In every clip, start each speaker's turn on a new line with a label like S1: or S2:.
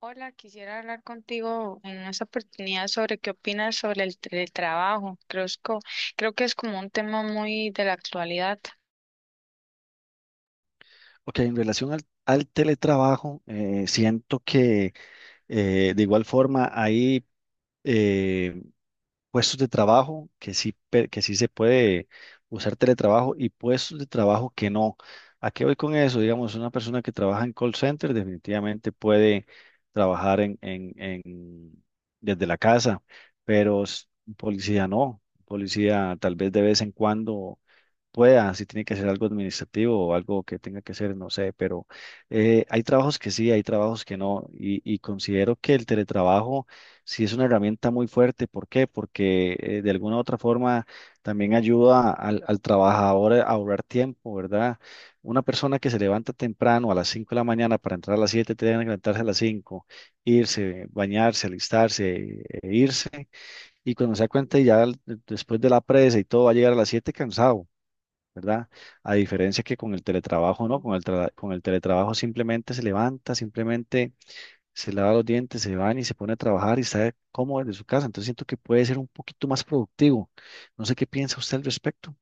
S1: Hola, quisiera hablar contigo en esta oportunidad sobre qué opinas sobre el teletrabajo. Creo que es como un tema muy de la actualidad.
S2: Ok, en relación al teletrabajo, siento que de igual forma hay eh, puestos de trabajo que sí, que sí se puede usar teletrabajo y puestos de trabajo que no. ¿A qué voy con eso? Digamos, una persona que trabaja en call center definitivamente puede trabajar desde la casa, pero un policía no. Un policía tal vez de vez en cuando pueda, si tiene que ser algo administrativo o algo que tenga que ser, no sé, pero hay trabajos que sí, hay trabajos que no, y considero que el teletrabajo sí es una herramienta muy fuerte. ¿Por qué? Porque de alguna u otra forma también ayuda al trabajador a ahorrar tiempo, ¿verdad? Una persona que se levanta temprano a las 5 de la mañana para entrar a las 7 tiene que levantarse a las cinco, irse, bañarse, alistarse, e irse, y cuando se da cuenta ya, después de la presa y todo, va a llegar a las 7 cansado, ¿verdad? A diferencia que con el teletrabajo, ¿no? Con el, con el teletrabajo simplemente se levanta, simplemente se lava los dientes, se baña y se pone a trabajar y está cómodo desde su casa. Entonces siento que puede ser un poquito más productivo. No sé qué piensa usted al respecto.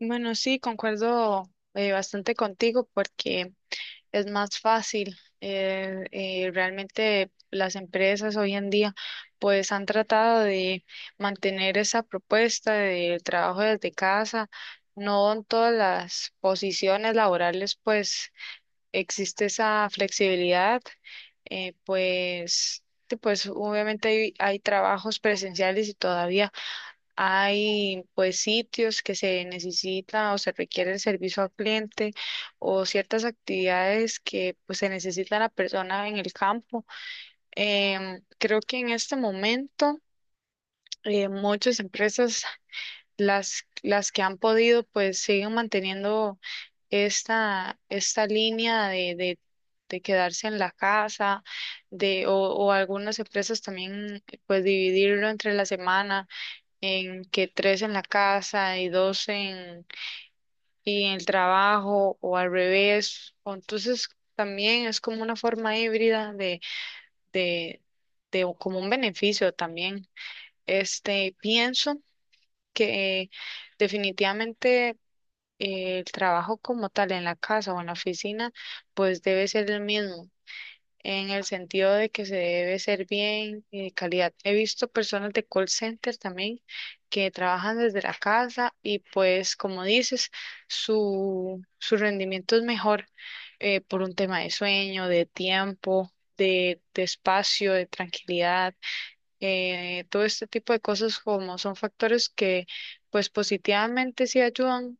S1: Bueno, sí, concuerdo bastante contigo porque es más fácil. Realmente las empresas hoy en día pues han tratado de mantener esa propuesta de trabajo desde casa. No en todas las posiciones laborales pues existe esa flexibilidad. Pues obviamente hay trabajos presenciales y todavía hay pues sitios que se necesita o se requiere el servicio al cliente o ciertas actividades que pues se necesita la persona en el campo. Creo que en este momento, muchas empresas, las que han podido, pues siguen manteniendo esta línea de quedarse en la casa, o algunas empresas también pues dividirlo entre la semana, en que tres en la casa y dos en, y en el trabajo, o al revés. O entonces también es como una forma híbrida de, de o como un beneficio también. Este, pienso que definitivamente, el trabajo como tal en la casa o en la oficina pues debe ser el mismo, en el sentido de que se debe ser bien y de calidad. He visto personas de call center también que trabajan desde la casa y pues como dices, su rendimiento es mejor, por un tema de sueño, de tiempo. De espacio, de tranquilidad. Todo este tipo de cosas como son factores que pues positivamente sí ayudan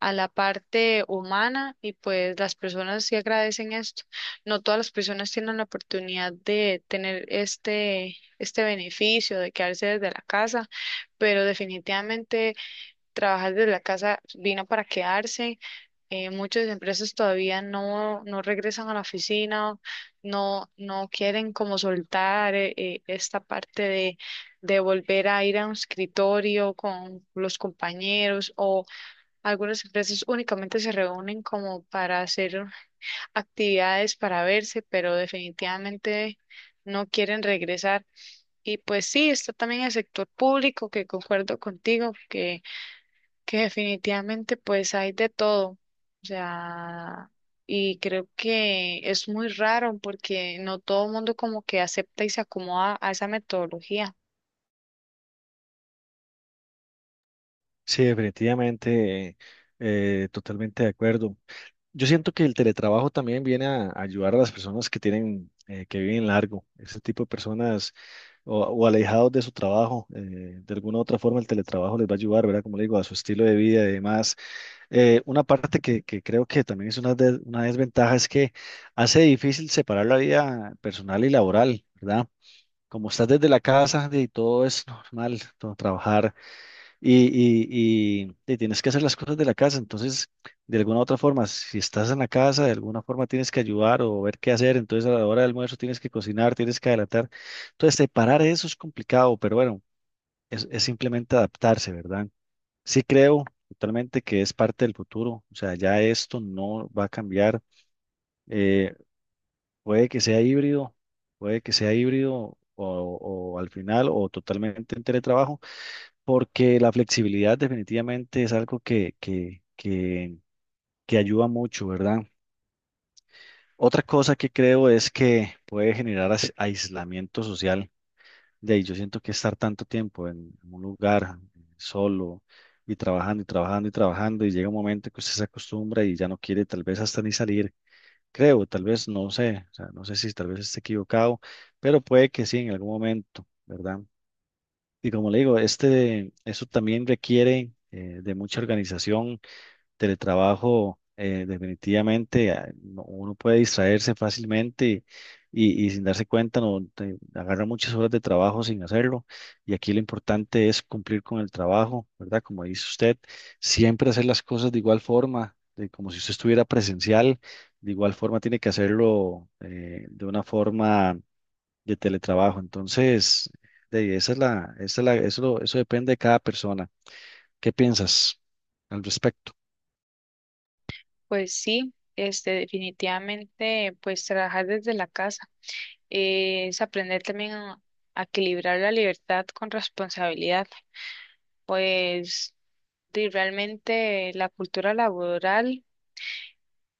S1: a la parte humana y pues las personas sí agradecen esto. No todas las personas tienen la oportunidad de tener este beneficio de quedarse desde la casa, pero definitivamente trabajar desde la casa vino para quedarse. Muchas empresas todavía no regresan a la oficina, no quieren como soltar esta parte de volver a ir a un escritorio con los compañeros, o algunas empresas únicamente se reúnen como para hacer actividades, para verse, pero definitivamente no quieren regresar. Y pues sí, está también el sector público, que concuerdo contigo, que definitivamente pues hay de todo. O sea, y creo que es muy raro porque no todo el mundo como que acepta y se acomoda a esa metodología.
S2: Sí, definitivamente, totalmente de acuerdo. Yo siento que el teletrabajo también viene a ayudar a las personas que tienen, que viven largo, ese tipo de personas o alejados de su trabajo. De alguna u otra forma el teletrabajo les va a ayudar, ¿verdad? Como le digo, a su estilo de vida y demás. Una parte que creo que también es una, una desventaja es que hace difícil separar la vida personal y laboral, ¿verdad? Como estás desde la casa y todo es normal, todo, trabajar y tienes que hacer las cosas de la casa. Entonces, de alguna u otra forma, si estás en la casa, de alguna forma tienes que ayudar o ver qué hacer. Entonces, a la hora del almuerzo tienes que cocinar, tienes que adelantar. Entonces, separar eso es complicado, pero bueno, es simplemente adaptarse, ¿verdad? Sí creo totalmente que es parte del futuro. O sea, ya esto no va a cambiar. Eh, Puede que sea híbrido, puede que sea híbrido o al final o totalmente en teletrabajo porque la flexibilidad definitivamente es algo que ayuda mucho, ¿verdad? Otra cosa que creo es que puede generar aislamiento social. De ahí yo siento que estar tanto tiempo en un lugar solo y trabajando y trabajando y trabajando y llega un momento que usted se acostumbra y ya no quiere tal vez hasta ni salir. Creo, tal vez, no sé, o sea, no sé si tal vez esté equivocado, pero puede que sí en algún momento, ¿verdad? Y como le digo, este, eso también requiere de mucha organización, teletrabajo, definitivamente, uno puede distraerse fácilmente y sin darse cuenta, no, agarra muchas horas de trabajo sin hacerlo. Y aquí lo importante es cumplir con el trabajo, ¿verdad? Como dice usted, siempre hacer las cosas de igual forma, de como si usted estuviera presencial, de igual forma tiene que hacerlo, de una forma de teletrabajo. Entonces, de ahí, esa es la, eso depende de cada persona. ¿Qué piensas al respecto?
S1: Pues sí, este, definitivamente pues trabajar desde la casa. Es aprender también a equilibrar la libertad con responsabilidad, pues di, realmente la cultura laboral,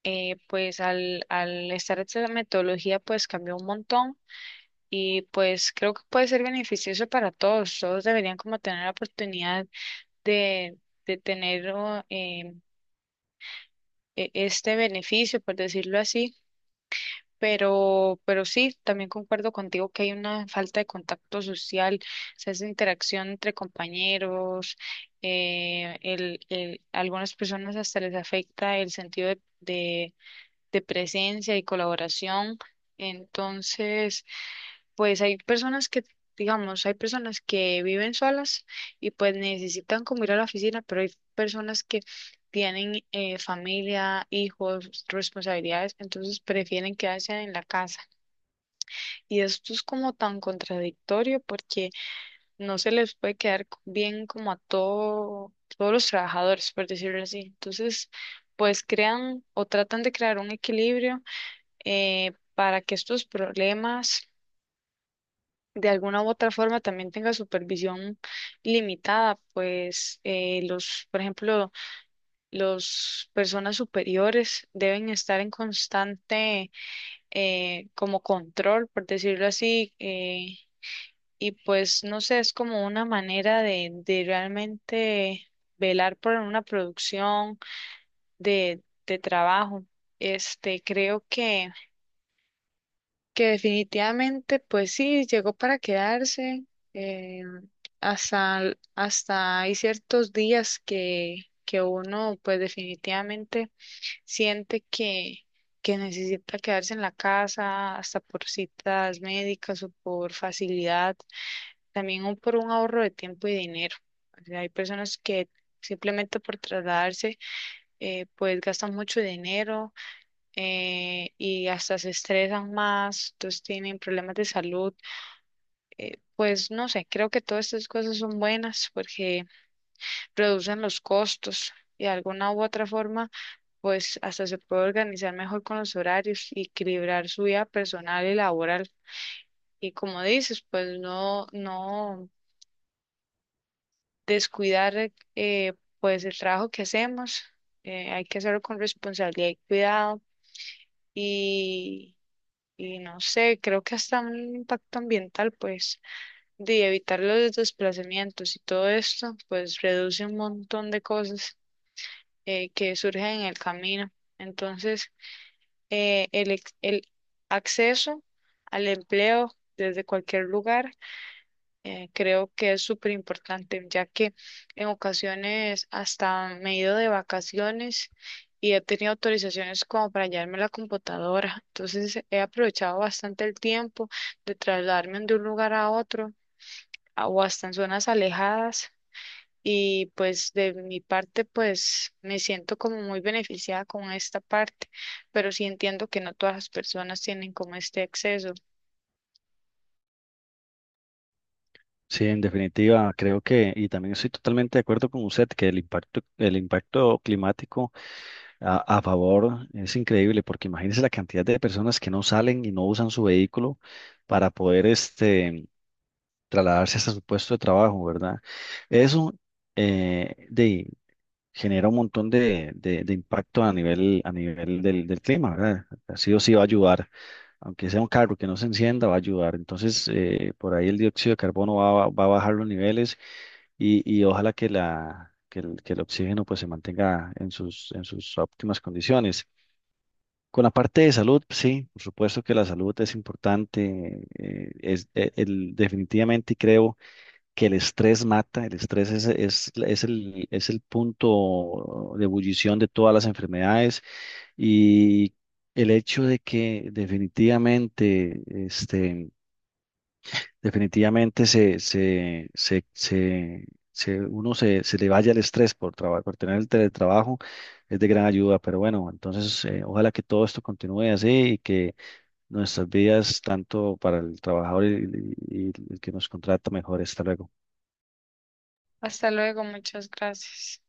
S1: pues al estar esta metodología, pues cambió un montón y pues creo que puede ser beneficioso para todos, todos deberían como tener la oportunidad de, de tener oh, este beneficio, por decirlo así. Pero sí, también concuerdo contigo que hay una falta de contacto social, o sea, esa interacción entre compañeros. A algunas personas hasta les afecta el sentido de presencia y colaboración. Entonces pues hay personas que, digamos, hay personas que viven solas y pues necesitan como ir a la oficina, pero hay personas que tienen familia, hijos, responsabilidades, entonces prefieren quedarse en la casa. Y esto es como tan contradictorio porque no se les puede quedar bien como a todo, todos los trabajadores, por decirlo así. Entonces pues crean o tratan de crear un equilibrio para que estos problemas de alguna u otra forma también tengan supervisión limitada. Pues los, por ejemplo, los personas superiores deben estar en constante como control, por decirlo así. Y pues no sé, es como una manera de realmente velar por una producción de trabajo. Este, creo que definitivamente pues sí, llegó para quedarse. eh, Hasta hay ciertos días que uno pues definitivamente siente que necesita quedarse en la casa, hasta por citas médicas o por facilidad también por un ahorro de tiempo y dinero. O sea, hay personas que simplemente por trasladarse, pues gastan mucho dinero y hasta se estresan más, entonces tienen problemas de salud. Pues no sé, creo que todas estas cosas son buenas porque reducen los costos. Y de alguna u otra forma, pues hasta se puede organizar mejor con los horarios y equilibrar su vida personal y laboral. Y como dices, pues no, no. descuidar pues el trabajo que hacemos. Hay que hacerlo con responsabilidad y cuidado, y, y no sé, creo que hasta un impacto ambiental pues de evitar los desplazamientos y todo esto pues reduce un montón de cosas que surgen en el camino. Entonces, el acceso al empleo desde cualquier lugar, creo que es súper importante, ya que en ocasiones hasta me he ido de vacaciones y he tenido autorizaciones como para llevarme la computadora. Entonces he aprovechado bastante el tiempo de trasladarme de un lugar a otro o hasta en zonas alejadas. Y pues de mi parte, pues me siento como muy beneficiada con esta parte, pero sí entiendo que no todas las personas tienen como este acceso.
S2: Sí, en definitiva, creo que, y también estoy totalmente de acuerdo con usted, que el impacto climático a favor es increíble, porque imagínese la cantidad de personas que no salen y no usan su vehículo para poder este, trasladarse hasta su puesto de trabajo, ¿verdad? Eso, eh, genera un montón de, de impacto a nivel del clima, ¿verdad? Sí o sí va a ayudar, aunque sea un carro que no se encienda, va a ayudar. Entonces, por ahí el dióxido de carbono va, a va a bajar los niveles y ojalá que, la, que el oxígeno pues, se mantenga en sus óptimas condiciones. Con la parte de salud, sí, por supuesto que la salud es importante, es, el, definitivamente creo que el estrés mata, el estrés es el, es el punto de ebullición de todas las enfermedades y el hecho de que definitivamente, este, definitivamente uno se, se le vaya el estrés por trabajo, por tener el teletrabajo, es de gran ayuda, pero bueno, entonces ojalá que todo esto continúe así y que nuestras vidas, tanto para el trabajador y el que nos contrata, mejor. Hasta luego.
S1: Hasta luego, muchas gracias.